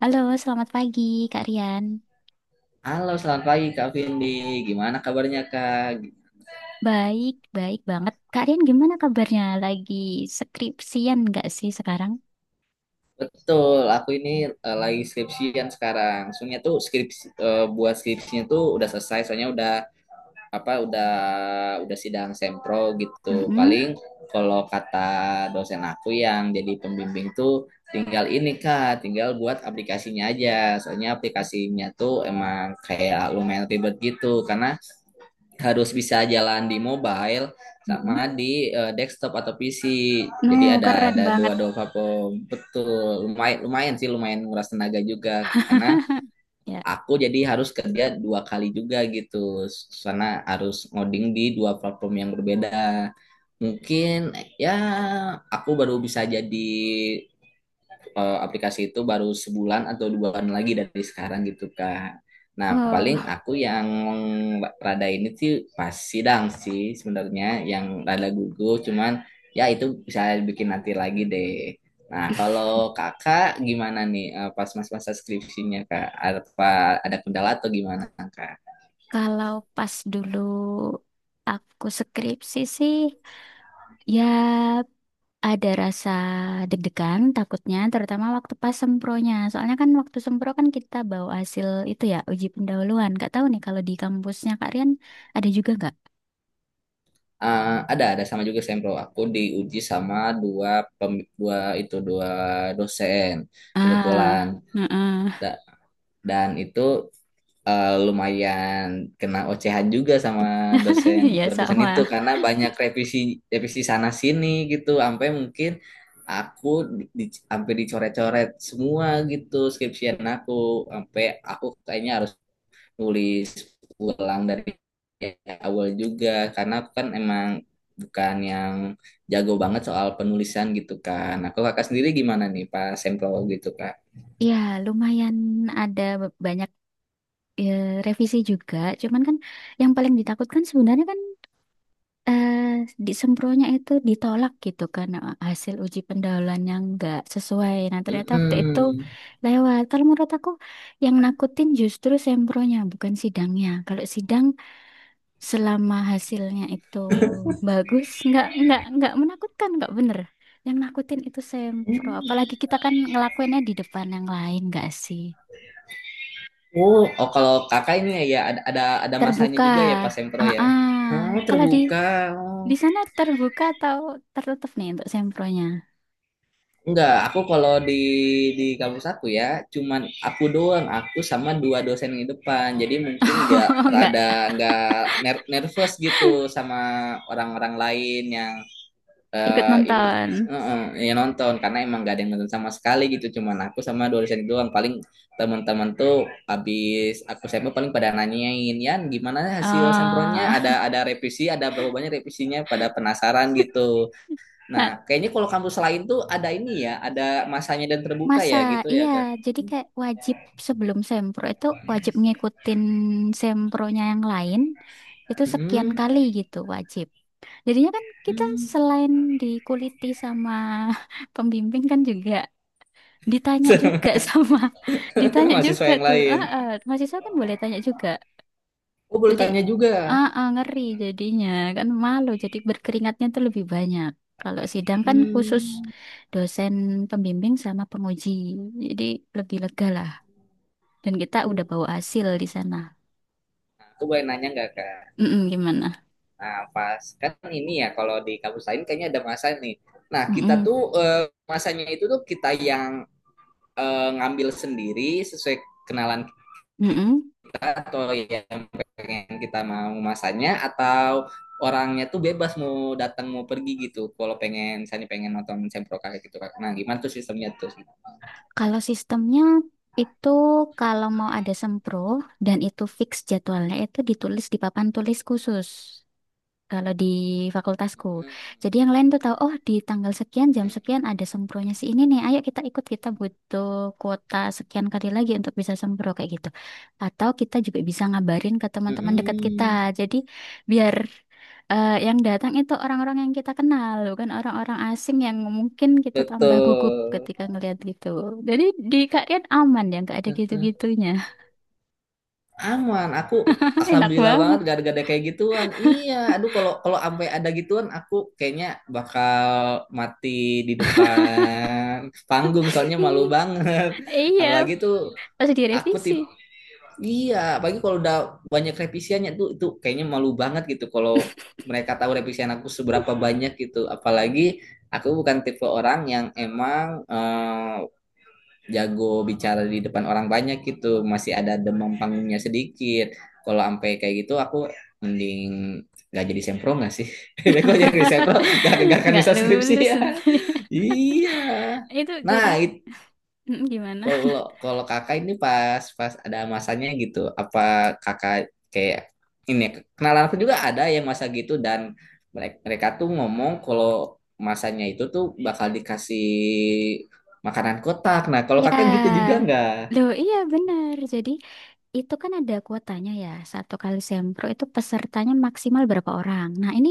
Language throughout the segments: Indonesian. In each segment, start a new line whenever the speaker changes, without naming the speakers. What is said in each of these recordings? Halo, selamat pagi Kak Rian.
Halo, selamat pagi Kak Vindi. Gimana kabarnya Kak?
Baik, baik banget. Kak Rian gimana kabarnya? Lagi skripsian nggak sih sekarang?
Betul, aku ini lagi skripsian sekarang. Soalnya tuh buat skripsinya tuh udah selesai. Soalnya udah apa? Udah sidang sempro gitu.
Mm-mm.
Paling kalau kata dosen aku yang jadi pembimbing tuh tinggal ini Kak, tinggal buat aplikasinya aja. Soalnya aplikasinya tuh emang kayak lumayan ribet gitu karena harus bisa jalan di mobile
Mm-mm.
sama di desktop atau PC.
No,
Jadi ada
keren
ada
banget.
dua-dua platform. Betul. Lumayan lumayan sih lumayan nguras tenaga juga karena
Ya.
aku jadi harus kerja dua kali juga gitu, karena harus ngoding di dua platform yang berbeda. Mungkin ya aku baru bisa aplikasi itu baru sebulan atau 2 bulan lagi dari sekarang gitu Kak. Nah paling
Wow.
aku yang rada ini sih, pas sidang sih sebenarnya, yang rada gugup, cuman ya itu bisa bikin nanti lagi deh. Nah kalau kakak gimana nih pas masa-masa skripsinya Kak? Apa ada kendala atau gimana Kak?
Kalau pas dulu aku skripsi sih, ya ada rasa deg-degan takutnya, terutama waktu pas sempronya. Soalnya kan waktu sempro kan kita bawa hasil itu ya, uji pendahuluan. Nggak tahu nih kalau di kampusnya Kak Rian ada juga nggak?
Ada sama juga, sempro aku diuji sama dua dua dosen kebetulan.
Ah, heeh.
Da- dan itu lumayan kena ocehan juga sama dosen
Ya
dosen itu
sama.
karena banyak revisi, revisi sana sini gitu, sampai mungkin aku sampai dicoret-coret semua gitu skripsian aku, sampai aku kayaknya harus nulis ulang dari awal juga karena aku kan emang bukan yang jago banget soal penulisan gitu kan. Aku kakak sendiri gimana nih pas sempro gitu Kak?
Ya, lumayan ada banyak eh, revisi juga. Cuman kan yang paling ditakutkan sebenarnya kan eh, disempronnya itu ditolak gitu karena hasil uji pendahuluan yang nggak sesuai. Nah, ternyata waktu itu
Mm-mm.
lewat. Kalau menurut aku yang nakutin justru sempronya bukan sidangnya. Kalau sidang, selama hasilnya itu bagus, nggak menakutkan, nggak bener. Yang nakutin itu sempro. Apalagi kita kan ngelakuinnya di depan yang lain, nggak sih?
Oh, oh, kalau kakak ini ya, ya, ada masanya
Terbuka.
juga ya pas sempro
Ah,
ya.
ah.
Oh,
Kalau di
terbuka. Oh.
di sana terbuka atau tertutup nih untuk sempronya?
Enggak, aku kalau di kampus aku ya, cuman aku doang, aku sama dua dosen di depan. Jadi mungkin enggak
Oh, nggak
rada enggak nervous gitu sama orang-orang lain yang
ikut
itu
nonton.
yang nonton, karena emang gak ada yang nonton sama sekali gitu, cuman aku sama dua dosen itu doang. Paling teman-teman tuh habis aku sampel paling pada nanyain, Yan gimana hasil sempronnya,
Oh.
ada revisi, ada berapa banyak revisinya, pada penasaran gitu. Nah
Nah,
kayaknya kalau kampus lain tuh ada ini ya, ada masanya dan terbuka
masa
ya gitu ya
iya,
Kak.
jadi kayak wajib sebelum sempro itu wajib ngikutin sempronya yang lain itu sekian
Hmm,
kali gitu wajib. Jadinya kan kita
hmm.
selain dikuliti sama pembimbing kan juga ditanya juga sama ditanya
mahasiswa
juga
yang
tuh.
lain,
Heeh, mahasiswa kan boleh tanya juga.
oh boleh
Jadi
tanya juga.
ah ah, ngeri jadinya kan malu jadi berkeringatnya tuh lebih banyak. Kalau sidang kan khusus
Hmm.
dosen pembimbing sama penguji. Jadi lebih lega lah dan kita udah bawa hasil di sana.
Aku boleh nanya nggak Kak?
Mm-mm, gimana?
Nah, pas kan ini ya kalau di kampus lain kayaknya ada masa nih. Nah, kita
Mm-mm,
tuh eh, masanya itu tuh kita yang ngambil sendiri, sesuai kenalan
mm-mm.
kita, atau yang pengen kita mau masanya, atau orangnya tuh bebas mau datang mau pergi gitu. Kalau pengen misalnya pengen nonton sempro kakek gitu, kan. Nah, gimana tuh sistemnya tuh?
Kalau sistemnya itu kalau mau ada sempro dan itu fix jadwalnya itu ditulis di papan tulis khusus. Kalau di fakultasku.
Mm,
Jadi yang lain tuh tahu, oh di tanggal sekian jam
mm,
sekian ada sempronya si ini nih. Ayo kita ikut, kita butuh kuota sekian kali lagi untuk bisa sempro kayak gitu. Atau kita juga bisa ngabarin ke
mm,
teman-teman dekat kita.
mm.
Jadi biar yang datang itu orang-orang yang kita kenal, bukan orang-orang asing yang mungkin kita tambah gugup
Betul.
ketika ngelihat gitu. Jadi di kalian aman ya, nggak ada
Betul.
gitu-gitunya.
Aman, aku
Enak
alhamdulillah banget
banget.
gak ada kayak gituan. Iya, aduh, kalau kalau sampai ada gituan aku kayaknya bakal mati di depan panggung soalnya malu banget.
Iya,
Apalagi tuh
pas
aku
direvisi.
tip iya, apalagi kalau udah banyak revisiannya tuh itu kayaknya malu banget gitu kalau mereka tahu revisian aku seberapa banyak gitu. Apalagi aku bukan tipe orang yang emang jago bicara di depan orang banyak gitu, masih ada demam panggungnya sedikit. Kalau sampai kayak gitu aku mending gak jadi sempro gak sih. kalau jadi sempro gak akan
Nggak
bisa skripsi
lulus.
ya. iya,
Itu jadi
nah itu,
gimana?
kalau kalau kakak ini pas pas ada masanya gitu, apa kakak kayak ini, kenalan aku juga ada yang masa gitu dan mereka tuh ngomong kalau masanya itu tuh bakal dikasih makanan kotak. Nah, kalau kakak gitu juga
Ya,
nggak?
loh, iya benar. Jadi itu kan ada kuotanya ya. Satu kali sempro itu pesertanya maksimal berapa orang. Nah, ini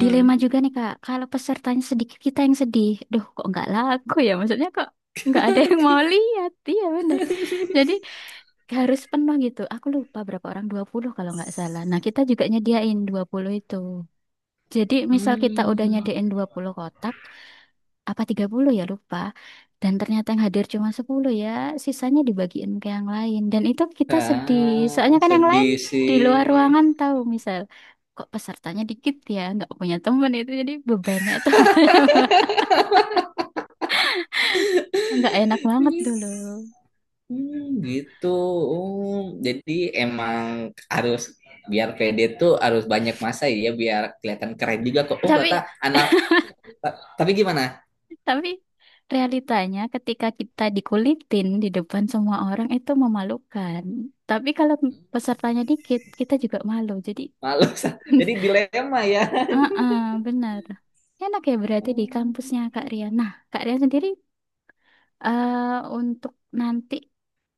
dilema juga nih, Kak. Kalau pesertanya sedikit, kita yang sedih. Duh, kok nggak laku ya? Maksudnya kok nggak ada yang mau lihat. Iya benar. Jadi harus penuh gitu. Aku lupa berapa orang, 20 kalau nggak salah. Nah, kita juga nyediain 20 itu. Jadi misal kita udah
Hmm.
nyediain 20 kotak, apa 30 ya lupa. Dan ternyata yang hadir cuma 10 ya, sisanya dibagiin ke yang lain. Dan itu kita sedih, soalnya
Ah,
kan yang lain
sedih
di
sih.
luar ruangan tahu misal. Kok pesertanya dikit ya, nggak punya temen itu jadi bebannya itu banyak banget. Nggak enak banget dulu.
Hmm, gitu. Oh, jadi emang harus biar pede tuh harus banyak masa ya biar kelihatan keren juga kok. Oh, kata
Tapi
anak. Tapi gimana?
tapi realitanya ketika kita dikulitin di depan semua orang itu memalukan. Tapi kalau pesertanya dikit, kita juga malu. Jadi
Malu. Jadi dilema ya.
heeh, benar. Enak ya berarti di kampusnya Kak Rian. Nah, Kak Rian sendiri eh untuk nanti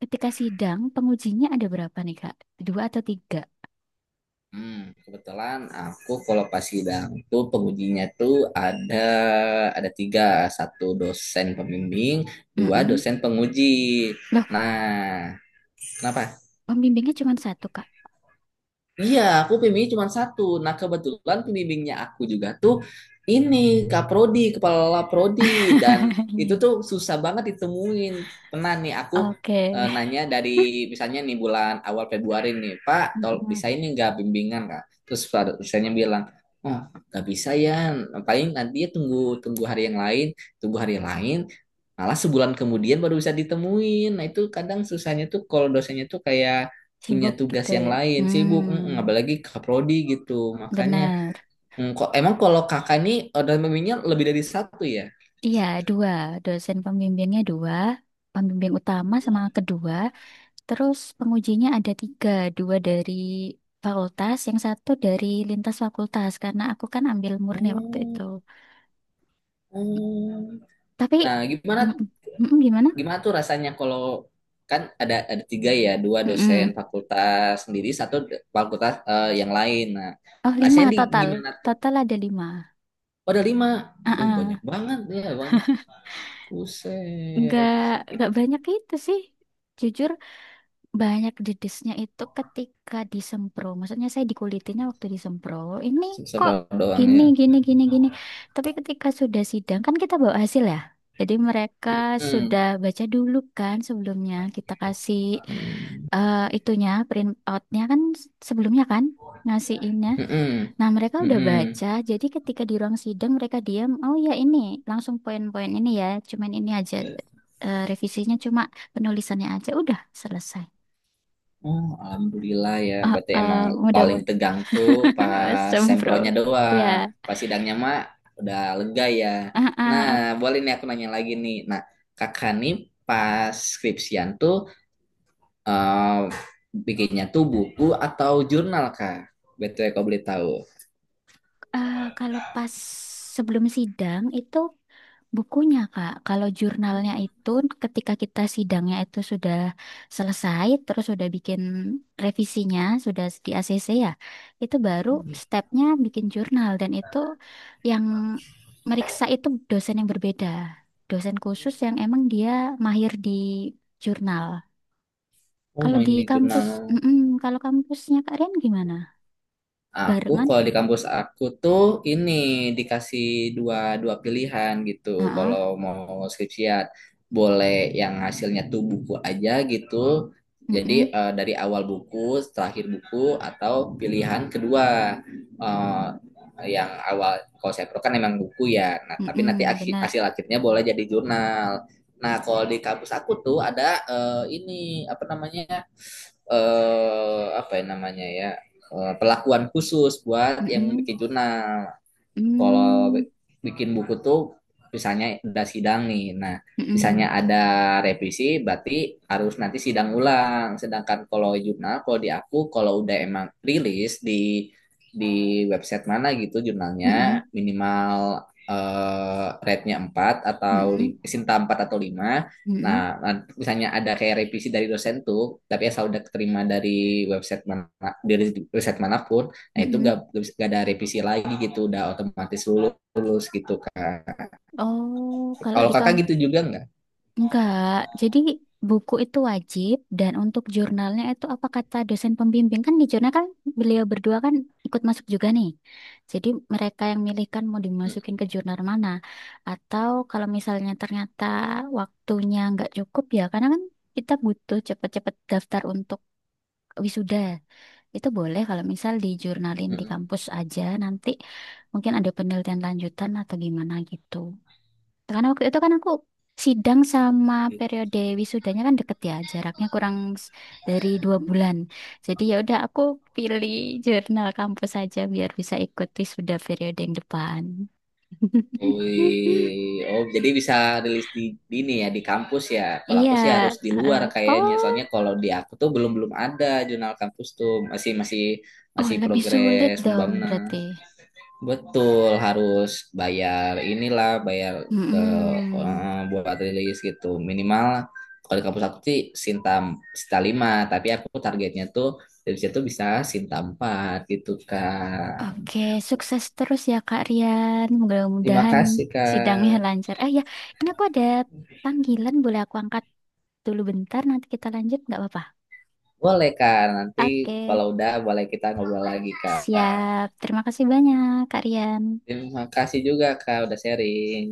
ketika sidang pengujinya ada berapa nih Kak? Dua atau tiga?
Hmm, kebetulan aku kalau pas sidang tuh pengujinya tuh ada tiga, satu dosen pembimbing, dua
Mm-mm.
dosen penguji.
Loh,
Nah, kenapa?
pembimbingnya cuma satu Kak.
Iya, aku pembimbing cuma satu. Nah, kebetulan pembimbingnya aku juga tuh ini Kak Prodi, kepala Prodi, dan itu
Iya.
tuh susah banget ditemuin. Pernah nih aku
Oke.
nanya dari misalnya nih bulan awal Februari nih, Pak, tol
Mm-mm.
bisa ini nggak bimbingan Kak? Terus misalnya bilang, oh nggak bisa ya, paling nanti ya tunggu tunggu hari yang lain, tunggu hari yang lain. Malah sebulan kemudian baru bisa ditemuin. Nah itu kadang susahnya tuh kalau dosennya tuh kayak punya
Sibuk
tugas
gitu ya.
yang lain, sibuk,
Hmm,
apalagi kakak prodi gitu, makanya
benar.
kok emang kalau kakak ini order meminya lebih dari satu ya.
Iya, dua. Dosen pembimbingnya dua. Pembimbing utama sama kedua. Terus pengujinya ada tiga. Dua dari fakultas, yang satu dari lintas fakultas. Karena aku kan ambil murni waktu
Hmm,
itu.
hmm.
Tapi,
Nah, gimana
mm, gimana?
gimana tuh rasanya kalau kan ada tiga ya, dua dosen
Mm-mm.
fakultas sendiri, satu fakultas yang lain. Nah,
Oh, lima
rasanya di
total.
gimana tuh?
Total ada lima.
Oh, ada lima.
Ah,
Banyak
ah.
banget ya, banyak. Buset.
Nggak, nggak banyak itu sih. Jujur banyak dedesnya itu ketika disempro. Maksudnya saya dikulitinnya waktu disempro. Ini kok
Seru doang
gini,
ya.
gini, gini, gini. Tapi ketika sudah sidang, kan kita bawa hasil ya. Jadi mereka
Hmm.
sudah baca dulu kan sebelumnya. Kita kasih
Hmm.
itunya, print outnya kan sebelumnya kan ngasih innya.
Mm-mm.
Nah, mereka udah
Mm-mm.
baca, jadi ketika di ruang sidang mereka diam, oh ya ini, langsung poin-poin ini ya, cuman ini aja, revisinya cuma penulisannya aja, udah selesai.
Oh, alhamdulillah ya.
Ah,
Berarti emang
ah,
paling
mudah-mudahan
tegang tuh pas sempronya
sempro.
doang.
Ya,
Pas sidangnya mah udah lega ya.
ah,
Nah,
ah,
boleh nih aku nanya lagi nih. Nah, kakak nih pas skripsian tuh eh, bikinnya tuh buku atau jurnal Kak? BTW kau boleh tahu.
ah, kalau pas sebelum sidang itu bukunya Kak. Kalau jurnalnya itu ketika kita sidangnya itu sudah selesai, terus sudah bikin revisinya, sudah di ACC ya, itu baru stepnya bikin jurnal dan itu yang meriksa itu dosen yang berbeda, dosen khusus yang emang dia mahir di jurnal.
Oh,
Kalau di
main di
kampus,
jurnal.
mm-mm. Kalau kampusnya Kak Rian gimana?
Aku
Barengan?
kalau di kampus aku tuh ini dikasih dua dua pilihan gitu.
Heeh,
Kalau mau skripsiat boleh yang hasilnya tuh buku aja gitu. Jadi
mm-mm,
dari awal buku, terakhir buku, atau pilihan kedua eh, yang awal, kalau saya pro kan emang buku ya. Nah, tapi nanti
mm-mm,
hasil
benar.
akhirnya boleh jadi jurnal. Nah, kalau di kampus aku tuh ada ini apa namanya? Apa ya namanya ya? Perlakuan khusus buat yang
Mm-mm,
bikin jurnal. Kalau
mm,
bikin buku tuh misalnya udah sidang nih. Nah, misalnya
mm-mm,
ada revisi berarti harus nanti sidang ulang. Sedangkan kalau jurnal kalau di aku kalau udah emang rilis di website mana gitu, jurnalnya
mm-mm,
minimal rate-nya 4 atau
mm-mm,
Sinta 4 atau 5.
mm-mm,
Nah, misalnya ada kayak revisi dari dosen tuh, tapi asal udah keterima dari website manapun, nah itu
mm-mm.
gak ada revisi lagi gitu, udah otomatis lulus, lulus gitu kan.
Oh, kalau
Kalau
di
kakak
kampus.
gitu juga nggak?
Enggak, jadi buku itu wajib dan untuk jurnalnya itu apa kata dosen pembimbing kan di jurnal kan beliau berdua kan ikut masuk juga nih. Jadi mereka yang milih kan mau dimasukin ke jurnal mana. Atau kalau misalnya ternyata waktunya nggak cukup ya karena kan kita butuh cepet-cepet daftar untuk wisuda. Itu boleh kalau misal dijurnalin di kampus aja nanti mungkin ada penelitian lanjutan atau gimana gitu. Karena waktu itu kan aku sidang sama periode wisudanya kan deket ya, jaraknya kurang s- dari 2 bulan. Jadi ya udah aku pilih jurnal kampus aja biar bisa ikut wisuda periode yang depan.
Wih, oh jadi bisa rilis di ini ya di kampus ya. Kalau
Iya,
aku sih harus di
heeh.
luar kayaknya.
Oh,
Soalnya kalau di aku tuh belum belum ada jurnal kampus tuh masih masih
oh
masih
lebih sulit
progres
dong
pembangunan.
berarti.
Betul harus bayar inilah bayar ke
Mm-mm.
buat rilis gitu. Minimal kalau di kampus aku sih Sinta, Sinta 5, tapi aku targetnya tuh dari situ bisa Sinta 4 gitu, Kak.
Oke, sukses terus ya Kak Rian.
Terima
Mudah-mudahan
kasih,
sidangnya
Kak.
lancar. Ah ya, ini aku ada panggilan, boleh aku angkat? Dulu bentar, nanti kita lanjut, nggak apa-apa.
Boleh, Kak. Nanti
Oke,
kalau udah boleh kita ngobrol lagi, Kak.
siap. Terima kasih banyak, Kak Rian.
Terima kasih juga, Kak, udah sharing.